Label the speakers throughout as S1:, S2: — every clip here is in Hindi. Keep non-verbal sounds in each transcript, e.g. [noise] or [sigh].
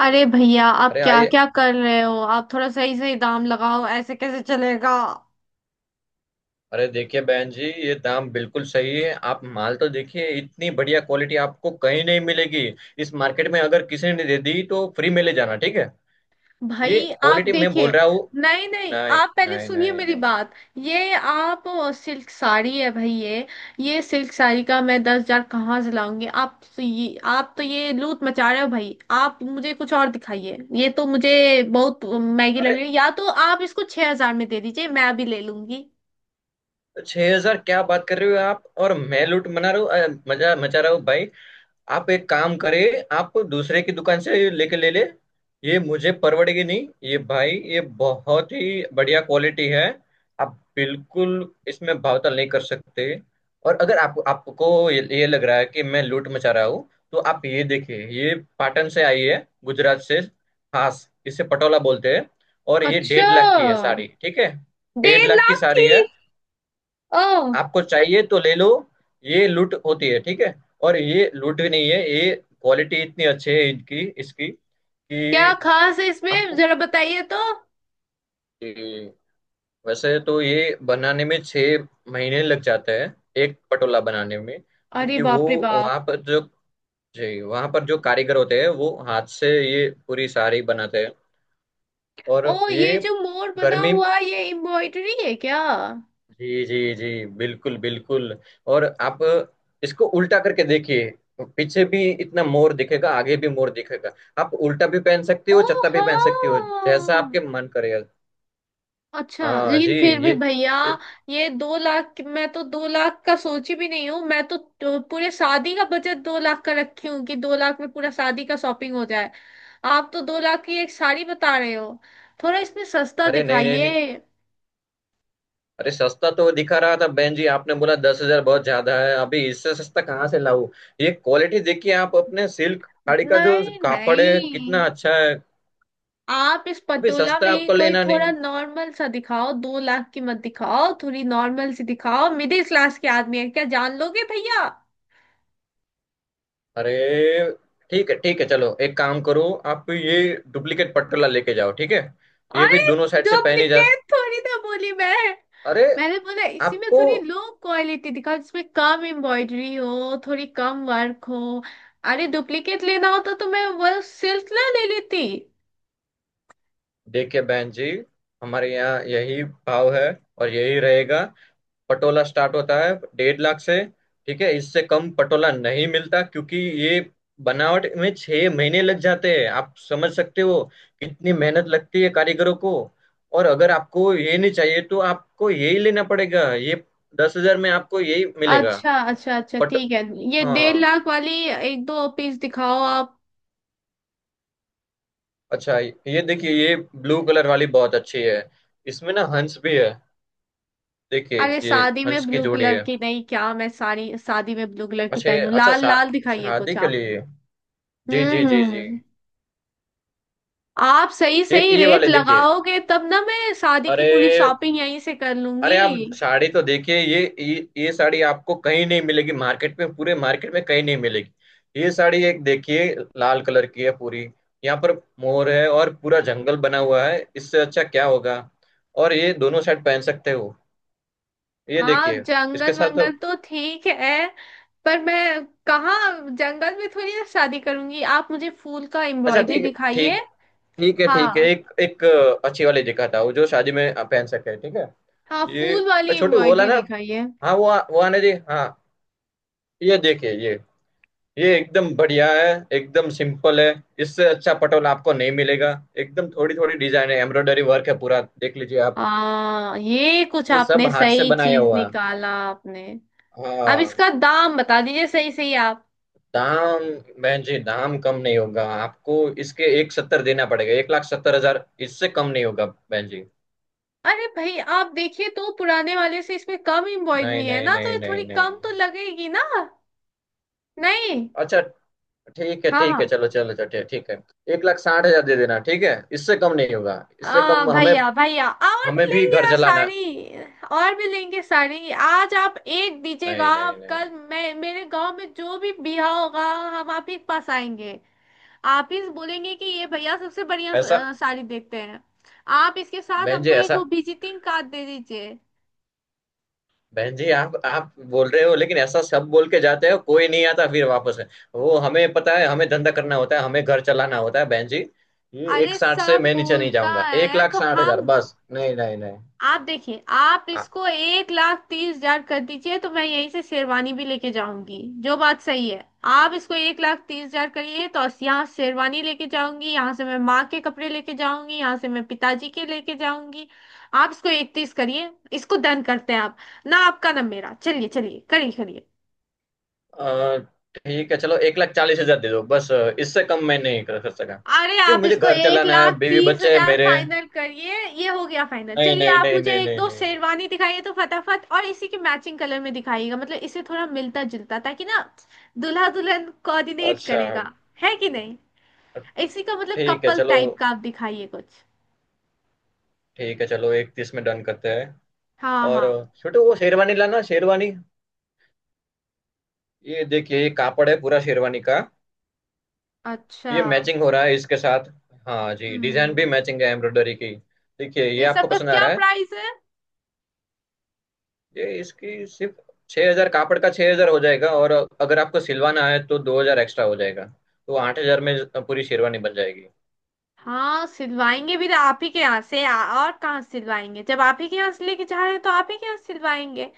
S1: अरे भैया, आप
S2: अरे
S1: क्या
S2: आइए।
S1: क्या कर रहे हो? आप थोड़ा सही सही दाम लगाओ, ऐसे कैसे चलेगा?
S2: अरे देखिए बहन जी, ये दाम बिल्कुल सही है। आप माल तो देखिए, इतनी बढ़िया क्वालिटी आपको कहीं नहीं मिलेगी। इस मार्केट में अगर किसी ने दे दी तो फ्री में ले जाना, ठीक है। ये
S1: भाई, आप
S2: क्वालिटी मैं बोल
S1: देखिए।
S2: रहा हूँ।
S1: नहीं नहीं,
S2: नहीं,
S1: आप पहले
S2: नहीं,
S1: सुनिए
S2: नहीं,
S1: मेरी
S2: नहीं।
S1: बात। ये आप सिल्क साड़ी है भाई ये। ये सिल्क साड़ी का मैं 10,000 कहाँ से लाऊंगी? आप तो ये लूट मचा रहे हो भाई। आप मुझे कुछ और दिखाइए, ये तो मुझे बहुत महंगी लग
S2: अरे
S1: रही है। या तो आप इसको 6,000 में दे दीजिए, मैं अभी ले लूंगी।
S2: 6000 क्या बात कर रहे हो आप! और मैं लूट मना रहा हूँ, मजा मचा रहा हूँ भाई। आप एक काम करें, आप दूसरे की दुकान से लेके ले ले। ये मुझे परवड़ेगी नहीं ये भाई, ये बहुत ही बढ़िया क्वालिटी है। आप बिल्कुल इसमें भावताल नहीं कर सकते। और अगर आप आपको ये लग रहा है कि मैं लूट मचा रहा हूँ, तो आप ये देखिए, ये पाटन से आई है गुजरात से, खास इसे पटोला बोलते हैं। और ये
S1: अच्छा।
S2: 1.5 लाख की है साड़ी, ठीक है। डेढ़
S1: डेढ़
S2: लाख की
S1: लाख की?
S2: साड़ी है।
S1: ओ।
S2: आपको चाहिए तो ले लो। ये लूट होती है, ठीक है। और ये लूट भी नहीं है ये। क्वालिटी इतनी अच्छी है इनकी इसकी कि
S1: क्या खास है इसमें,
S2: आपको
S1: जरा बताइए तो।
S2: ये- वैसे तो ये बनाने में 6 महीने लग जाते हैं, एक पटोला बनाने में,
S1: अरे
S2: क्योंकि वो,
S1: बाप रे बाप।
S2: वहाँ पर जो जी, वहाँ पर जो कारीगर होते हैं वो हाथ से ये पूरी साड़ी बनाते हैं। और
S1: ओ, ये
S2: ये
S1: जो मोर बना
S2: गर्मी।
S1: हुआ है, ये एम्ब्रॉयडरी है क्या?
S2: जी जी जी, बिल्कुल बिल्कुल। और आप इसको उल्टा करके देखिए, पीछे भी इतना मोर दिखेगा, आगे भी मोर दिखेगा। आप उल्टा भी पहन सकती
S1: ओ।
S2: हो, चत्ता भी पहन सकती हो, जैसा
S1: हाँ।
S2: आपके मन करे।
S1: अच्छा,
S2: हाँ
S1: लेकिन
S2: जी,
S1: फिर भी
S2: ये।
S1: भैया। ये 2,00,000, मैं तो 2,00,000 का सोची भी नहीं हूँ। मैं तो पूरे शादी का बजट 2,00,000 का रखी हूँ कि 2,00,000 में पूरा शादी का शॉपिंग हो जाए। आप तो 2,00,000 की एक साड़ी बता रहे हो। थोड़ा इसमें सस्ता
S2: अरे नहीं, नहीं, नहीं।
S1: दिखाइए।
S2: अरे सस्ता तो दिखा रहा था बहन जी, आपने बोला 10,000 बहुत ज्यादा है, अभी इससे सस्ता कहाँ से लाऊं। ये क्वालिटी देखिए आप, अपने सिल्क साड़ी का जो
S1: नहीं
S2: कापड़ है कितना
S1: नहीं,
S2: अच्छा है।
S1: आप इस
S2: अभी
S1: पटोला में
S2: सस्ता
S1: ही
S2: आपको
S1: कोई
S2: लेना
S1: थोड़ा
S2: नहीं।
S1: नॉर्मल सा दिखाओ। 2,00,000 की मत दिखाओ, थोड़ी नॉर्मल सी दिखाओ। मिडिल क्लास के आदमी है, क्या जान लोगे भैया?
S2: अरे, ठीक है ठीक है, चलो एक काम करो। आप ये डुप्लीकेट पटकला लेके जाओ, ठीक है। ये भी दोनों
S1: अरे,
S2: साइड से पहनी जा।
S1: डुप्लीकेट थोड़ी ना बोली मैं।
S2: अरे,
S1: मैंने बोला इसी में
S2: आपको,
S1: थोड़ी लो क्वालिटी दिखाओ, जिसमें कम एम्ब्रॉयडरी हो, थोड़ी कम वर्क हो। अरे डुप्लीकेट लेना होता तो मैं वो सिल्क ना ले लेती।
S2: देखिए बहन जी, हमारे यहाँ यही भाव है और यही रहेगा। पटोला स्टार्ट होता है 1.5 लाख से, ठीक है। इससे कम पटोला नहीं मिलता क्योंकि ये बनावट में 6 महीने लग जाते हैं, आप समझ सकते हो कितनी मेहनत लगती है कारीगरों को। और अगर आपको ये नहीं चाहिए तो आपको यही लेना पड़ेगा, ये 10,000 में आपको यही मिलेगा।
S1: अच्छा अच्छा अच्छा,
S2: पट।
S1: ठीक है। ये डेढ़
S2: हाँ,
S1: लाख वाली एक दो पीस दिखाओ आप।
S2: अच्छा ये देखिए, ये ब्लू कलर वाली बहुत अच्छी है, इसमें ना हंस भी है, देखिए
S1: अरे,
S2: ये,
S1: शादी
S2: हंस
S1: में
S2: की
S1: ब्लू
S2: जोड़ी
S1: कलर
S2: है।
S1: की नहीं! क्या मैं सारी शादी में ब्लू कलर की
S2: अच्छा,
S1: पहनूं?
S2: अच्छा
S1: लाल लाल दिखाइए
S2: शादी
S1: कुछ
S2: के
S1: आप।
S2: लिए। जी जी जी जी।
S1: हम्म। आप सही
S2: ये
S1: सही
S2: ये
S1: रेट
S2: वाले देखिए।
S1: लगाओगे तब ना मैं शादी की
S2: अरे,
S1: पूरी शॉपिंग यहीं से कर
S2: अरे,
S1: लूंगी।
S2: आप साड़ी तो देखिए, ये साड़ी आपको कहीं नहीं मिलेगी मार्केट में, पूरे मार्केट में कहीं नहीं मिलेगी। ये साड़ी एक देखिए, लाल कलर की है पूरी। यहाँ पर मोर है और पूरा जंगल बना हुआ है, इससे अच्छा क्या होगा। और ये दोनों साइड पहन सकते हो, ये
S1: हाँ,
S2: देखिए। इसके
S1: जंगल
S2: साथ तो।
S1: वंगल तो ठीक है। पर मैं कहाँ जंगल में थोड़ी ना शादी करूंगी? आप मुझे फूल का
S2: अच्छा,
S1: एम्ब्रॉयडरी
S2: ठीक,
S1: दिखाइए।
S2: ठीक, ठीक है ठीक है,
S1: हाँ
S2: एक एक अच्छी वाली दिखाता हूँ जो शादी में आप पहन सके, ठीक है।
S1: हाँ, फूल
S2: ये
S1: वाली
S2: छोटे वो वाला
S1: एम्ब्रॉयडरी
S2: ना।
S1: दिखाइए।
S2: हाँ, वो आने जी हाँ। ये देखिए ये एकदम बढ़िया है, एकदम सिंपल है, इससे अच्छा पटोला आपको नहीं मिलेगा। एकदम थोड़ी थोड़ी डिजाइन है, एम्ब्रॉयडरी वर्क है, पूरा देख लीजिए आप।
S1: हाँ, ये कुछ
S2: ये सब
S1: आपने
S2: हाथ से
S1: सही
S2: बनाया
S1: चीज
S2: हुआ है।
S1: निकाला आपने। अब
S2: हाँ।
S1: इसका दाम बता दीजिए सही सही आप।
S2: दाम? बहन जी, दाम कम नहीं होगा आपको। इसके एक सत्तर देना पड़ेगा, 1 लाख 70 हज़ार, इससे कम नहीं होगा बहन जी।
S1: अरे भाई, आप देखिए तो, पुराने वाले से इसमें कम
S2: नहीं,
S1: एम्ब्रॉयडरी है
S2: नहीं,
S1: ना, तो
S2: नहीं,
S1: ये थोड़ी
S2: नहीं, नहीं।
S1: कम तो लगेगी ना। नहीं।
S2: अच्छा, ठीक है
S1: हाँ
S2: ठीक
S1: हाँ।
S2: है, चलो चलो चलो, ठीक ठीक है। 1 लाख 60 हज़ार दे देना, ठीक है। इससे कम नहीं होगा, इससे कम हमें,
S1: भैया भैया, और
S2: हमें
S1: भी
S2: भी
S1: लेंगे
S2: घर
S1: ना
S2: जलाना।
S1: साड़ी। और भी लेंगे साड़ी। आज आप एक दीजिएगा,
S2: नहीं, नहीं,
S1: आप
S2: नहीं।
S1: कल मैं मेरे गांव में जो भी ब्याह होगा, हम आप ही के पास आएंगे। आप ही से बोलेंगे कि ये भैया सबसे बढ़िया
S2: ऐसा,
S1: साड़ी देखते हैं। आप इसके साथ
S2: बहन जी
S1: हमको एक
S2: ऐसा,
S1: वो विजिटिंग कार्ड दे दीजिए।
S2: बहन जी आप बोल रहे हो लेकिन ऐसा सब बोल के जाते हो, कोई नहीं आता फिर वापस है। वो हमें पता है, हमें धंधा करना होता है, हमें घर चलाना होता है बहन जी। ये एक
S1: अरे,
S2: साठ से
S1: सब
S2: मैं नीचे नहीं
S1: बोलता
S2: जाऊंगा, एक
S1: है
S2: लाख
S1: तो
S2: साठ हजार
S1: हम।
S2: बस, नहीं, नहीं, नहीं।
S1: आप देखिए, आप
S2: आ-
S1: इसको 1,30,000 कर दीजिए तो मैं यहीं से शेरवानी भी लेके जाऊंगी, जो बात सही है। आप इसको एक लाख तीस हजार करिए तो यहाँ शेरवानी लेके जाऊंगी, यहाँ से मैं माँ के कपड़े लेके जाऊंगी, यहाँ से मैं पिताजी के लेके जाऊंगी। आप इसको इकतीस करिए, इसको डन करते हैं आप। ना आपका ना मेरा, चलिए चलिए करिए करिए।
S2: अ, ठीक है चलो, 1 लाख 40 हज़ार दे दो बस, इससे कम मैं नहीं कर कर सका
S1: अरे,
S2: क्योंकि
S1: आप
S2: मुझे
S1: इसको
S2: घर
S1: एक
S2: चलाना है,
S1: लाख
S2: बीवी
S1: तीस
S2: बच्चे है
S1: हजार
S2: मेरे।
S1: फाइनल करिए। ये हो गया फाइनल।
S2: नहीं,
S1: चलिए,
S2: नहीं,
S1: आप
S2: नहीं,
S1: मुझे
S2: नहीं,
S1: एक
S2: नहीं,
S1: दो
S2: नहीं, नहीं।
S1: शेरवानी दिखाइए तो फटाफट, और इसी के मैचिंग कलर में दिखाइएगा, मतलब इसे थोड़ा मिलता जुलता, ताकि ना दूल्हा दुल्हन कोऑर्डिनेट
S2: अच्छा,
S1: करेगा, है कि नहीं? इसी का मतलब
S2: ठीक है
S1: कपल
S2: चलो,
S1: टाइप का आप दिखाइए कुछ।
S2: ठीक है चलो 31 में डन करते हैं।
S1: हाँ
S2: और
S1: हाँ।
S2: छोटे वो शेरवानी लाना, शेरवानी। ये देखिए, ये कापड़ है पूरा शेरवानी का।
S1: अच्छा।
S2: ये मैचिंग हो रहा है इसके साथ। हाँ जी, डिजाइन भी
S1: हम्म।
S2: मैचिंग है एम्ब्रॉयडरी की। देखिए, ये
S1: ये सब
S2: आपको
S1: का
S2: पसंद आ
S1: क्या
S2: रहा है?
S1: प्राइस है?
S2: ये इसकी सिर्फ 6000, कापड़ का 6000 हो जाएगा, और अगर आपको सिलवाना है तो 2000 एक्स्ट्रा हो जाएगा, तो 8000 में पूरी शेरवानी बन जाएगी।
S1: हाँ, सिलवाएंगे भी तो आप ही के यहाँ से। और कहाँ से सिलवाएंगे, जब आप ही के यहाँ से लेके जा रहे हैं तो आप ही के यहाँ से सिलवाएंगे।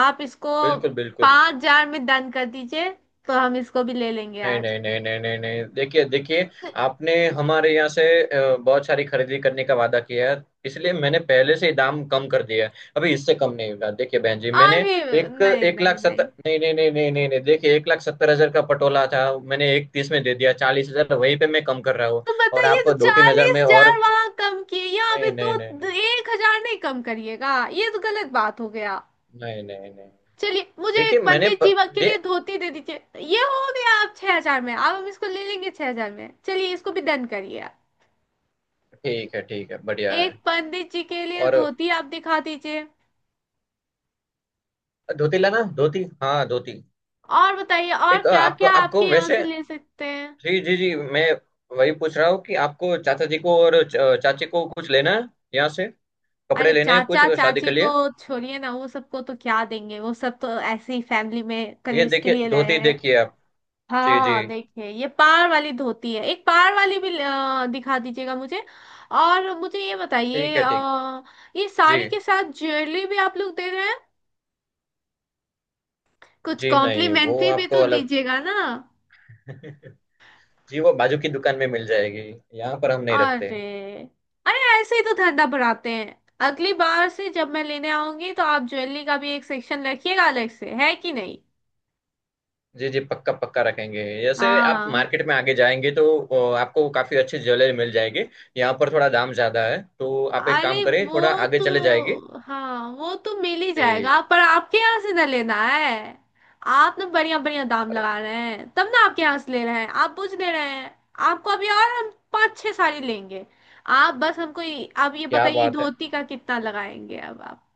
S1: आप इसको
S2: बिल्कुल बिल्कुल।
S1: 5,000 में दान कर दीजिए, तो हम इसको भी ले लेंगे
S2: नहीं,
S1: आज।
S2: नहीं, नहीं, नहीं, नहीं, नहीं, देखिए देखिए, आपने हमारे यहाँ से बहुत सारी खरीदी करने का वादा किया है, इसलिए मैंने पहले से ही दाम कम कर दिया है, अभी इससे कम नहीं होगा, देखिए बहन जी, मैंने
S1: अरे
S2: एक
S1: नहीं
S2: एक
S1: नहीं
S2: लाख
S1: नहीं।
S2: सत्तर, नहीं, नहीं, नहीं, नहीं, नहीं, नहीं, देखिए 1 लाख 70 हज़ार का पटोला था, मैंने एक तीस में दे दिया, 40,000 वहीं पे मैं कम कर रहा हूँ।
S1: तो
S2: और
S1: बताइए
S2: आप
S1: तो,
S2: 2-3 हज़ार
S1: चालीस
S2: में और,
S1: हजार वहां कम किए, यहाँ पे
S2: नहीं, नहीं,
S1: दो
S2: नहीं,
S1: दो- 1,000 नहीं कम करिएगा? ये तो गलत बात हो गया।
S2: नहीं, नहीं, नहीं, नहीं।
S1: चलिए, मुझे
S2: देखिए,
S1: एक
S2: मैंने
S1: पंडित जी के लिए
S2: दे-
S1: धोती दे दीजिए। ये हो गया। आप 6,000 में, अब हम इसको ले लेंगे 6,000 में। चलिए इसको भी डन करिए।
S2: ठीक है ठीक है, बढ़िया
S1: एक
S2: है।
S1: पंडित जी के लिए
S2: और
S1: धोती आप दिखा दीजिए।
S2: धोती लाना, धोती, हाँ धोती।
S1: और बताइए, और
S2: एक
S1: क्या
S2: आपको
S1: क्या आपके
S2: आपको
S1: यहाँ
S2: वैसे,
S1: से ले सकते हैं?
S2: जी जी जी, मैं वही पूछ रहा हूँ कि आपको चाचा जी को और चाची को कुछ लेना है, यहाँ से कपड़े
S1: अरे
S2: लेने हैं कुछ
S1: चाचा
S2: शादी के
S1: चाची को
S2: लिए।
S1: छोड़िए ना, वो सबको तो क्या देंगे? वो सब तो ऐसे ही फैमिली में
S2: ये
S1: कलेश के
S2: देखिए
S1: लिए लाए
S2: धोती,
S1: हैं।
S2: देखिए आप। जी जी।
S1: हाँ देखिए, ये पार वाली धोती है। एक पार वाली भी दिखा दीजिएगा मुझे। और मुझे ये
S2: ठीक
S1: बताइए,
S2: है, ठीक।
S1: ये
S2: जी
S1: साड़ी के साथ ज्वेलरी भी आप लोग दे रहे हैं? कुछ
S2: जी, नहीं वो
S1: कॉम्प्लीमेंट्री भी
S2: आपको
S1: तो
S2: अलग
S1: दीजिएगा ना।
S2: [laughs] जी, वो बाजू की दुकान में मिल जाएगी, यहाँ पर हम नहीं रखते।
S1: अरे। अरे ऐसे ही तो धंधा बढ़ाते हैं। अगली बार से जब मैं लेने आऊंगी, तो आप ज्वेलरी का भी एक सेक्शन रखिएगा अलग से, है कि नहीं?
S2: जी जी, पक्का पक्का रखेंगे। जैसे आप
S1: हाँ।
S2: मार्केट में आगे जाएंगे तो आपको काफी अच्छी ज्वेलरी मिल जाएगी। यहाँ पर थोड़ा दाम ज्यादा है, तो आप एक काम
S1: अरे
S2: करें, थोड़ा
S1: वो
S2: आगे चले जाएंगे।
S1: तो, हाँ वो तो मिल ही जाएगा,
S2: जी।
S1: पर आपके यहाँ से ना लेना है। आप ना बढ़िया बढ़िया दाम
S2: अरे
S1: लगा रहे हैं तब ना आपके यहाँ से ले रहे हैं, आप पूछ ले रहे हैं। आपको अभी और हम पाँच छह साड़ी लेंगे। आप बस हमको आप ये
S2: क्या
S1: बताइए,
S2: बात है!
S1: धोती का कितना लगाएंगे अब आप?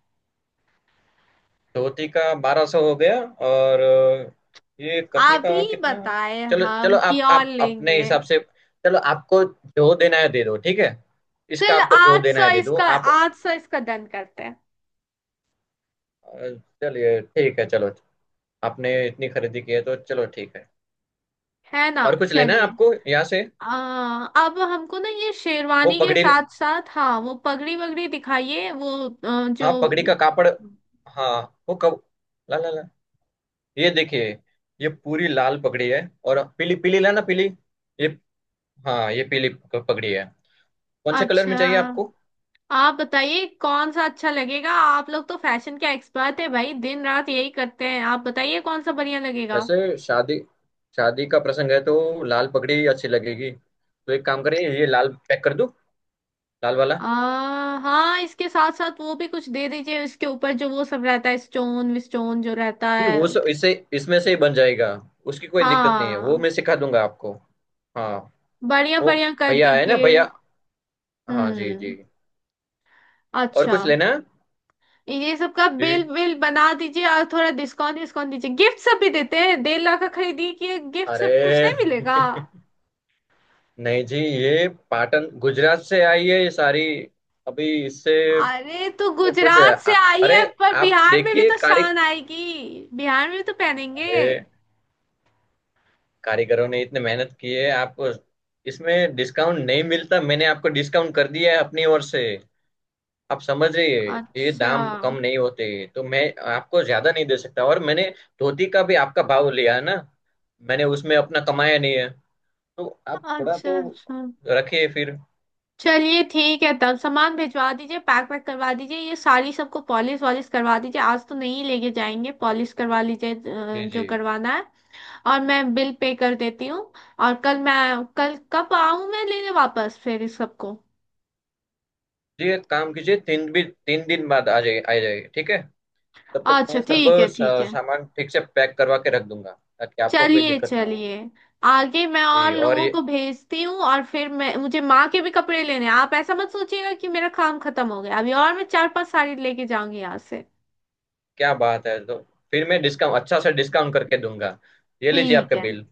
S2: धोती का 1200 हो गया। और ये कफनी
S1: आप
S2: का
S1: ही
S2: कितना?
S1: बताएं,
S2: चलो
S1: हम
S2: चलो,
S1: कि
S2: आप
S1: और
S2: आप अपने
S1: लेंगे।
S2: हिसाब से, चलो आपको जो देना है दे दो, ठीक है। इसका
S1: चल
S2: आपको जो
S1: आठ
S2: देना
S1: सौ
S2: है दे दो
S1: इसका।
S2: आप।
S1: आठ सौ इसका डन करते हैं।
S2: अ, चलिए, ठीक है चलो। आपने इतनी खरीदी की है तो चलो, ठीक है।
S1: है ना,
S2: और कुछ लेना है
S1: चलिए।
S2: आपको यहाँ से?
S1: अब हमको ना ये
S2: वो
S1: शेरवानी के
S2: पगड़ी,
S1: साथ साथ, हाँ वो पगड़ी वगड़ी दिखाइए, वो जो।
S2: हाँ पगड़ी का कापड़। हाँ, वो कब, ला ला ला, ये देखिए, ये पूरी लाल पगड़ी है। और पीली, पीली लाना, पीली, ये, हाँ ये पीली पगड़ी है। कौन से कलर में
S1: अच्छा,
S2: चाहिए आपको?
S1: आप बताइए कौन सा अच्छा लगेगा। आप लोग तो फैशन के एक्सपर्ट है भाई, दिन रात यही करते हैं। आप बताइए कौन सा बढ़िया लगेगा।
S2: वैसे शादी शादी का प्रसंग है तो लाल पगड़ी अच्छी लगेगी, तो एक काम करें, ये लाल पैक कर दूं, लाल वाला।
S1: आ, हाँ, इसके साथ साथ वो भी कुछ दे दीजिए, इसके ऊपर जो वो सब रहता है, स्टोन विस्टोन जो रहता
S2: नहीं,
S1: है।
S2: वो इससे इसमें से ही बन जाएगा, उसकी कोई दिक्कत नहीं है, वो
S1: हाँ।
S2: मैं सिखा दूंगा आपको। हाँ।
S1: बढ़िया
S2: वो,
S1: बढ़िया कर
S2: भैया है ना
S1: दीजिए।
S2: भैया। हाँ जी
S1: हम्म।
S2: जी। और
S1: अच्छा।
S2: कुछ लेना है?
S1: ये सब का बिल
S2: जी,
S1: बिल बना दीजिए, और थोड़ा डिस्काउंट डिस्काउंट दीजिए। गिफ्ट सब भी देते हैं, डेढ़ लाख का खरीदी कि गिफ्ट
S2: अरे
S1: सब कुछ नहीं मिलेगा?
S2: [laughs] नहीं जी, ये पाटन गुजरात से आई है ये सारी, अभी इससे,
S1: अरे तो
S2: इसमें कुछ है।
S1: गुजरात से आई है,
S2: अरे,
S1: पर
S2: आप
S1: बिहार में भी
S2: देखिए
S1: तो
S2: कारे,
S1: शान आएगी, बिहार में भी तो पहनेंगे।
S2: अरे, कारीगरों ने इतने मेहनत की है आपको। इसमें डिस्काउंट नहीं मिलता, मैंने आपको डिस्काउंट कर दिया है अपनी ओर से, आप समझ रही है। ये
S1: अच्छा
S2: दाम कम नहीं होते, तो मैं आपको ज्यादा नहीं दे सकता, और मैंने धोती का भी आपका भाव लिया है ना, मैंने उसमें अपना कमाया नहीं है, तो आप थोड़ा
S1: अच्छा
S2: तो
S1: अच्छा।
S2: रखिए फिर।
S1: चलिए ठीक है, तब सामान भिजवा दीजिए, पैक वैक करवा दीजिए, ये सारी सबको पॉलिश वॉलिश करवा दीजिए। आज तो नहीं लेके जाएंगे, पॉलिश करवा लीजिए
S2: जी
S1: जो
S2: जी।
S1: करवाना है। और मैं बिल पे कर देती हूँ। और कल कब आऊँ मैं लेने वापस फिर इस सबको?
S2: जी, एक काम कीजिए, 3 दिन बाद आ जाइए, आ जाइए, ठीक है। तब तक
S1: अच्छा
S2: मैं सब
S1: ठीक है ठीक है।
S2: सामान ठीक से पैक करवा के रख दूंगा, ताकि आपको कोई
S1: चलिए
S2: दिक्कत ना हो।
S1: चलिए। आगे मैं और
S2: जी, और
S1: लोगों
S2: ये,
S1: को भेजती हूँ, और फिर मैं, मुझे माँ के भी कपड़े लेने हैं। आप ऐसा मत सोचिएगा कि मेरा काम खत्म हो गया, अभी और मैं चार पांच साड़ी लेके जाऊंगी यहाँ से।
S2: क्या बात है, तो फिर मैं डिस्काउंट अच्छा सा डिस्काउंट करके दूंगा। ये लीजिए
S1: ठीक
S2: आपका
S1: है।
S2: बिल।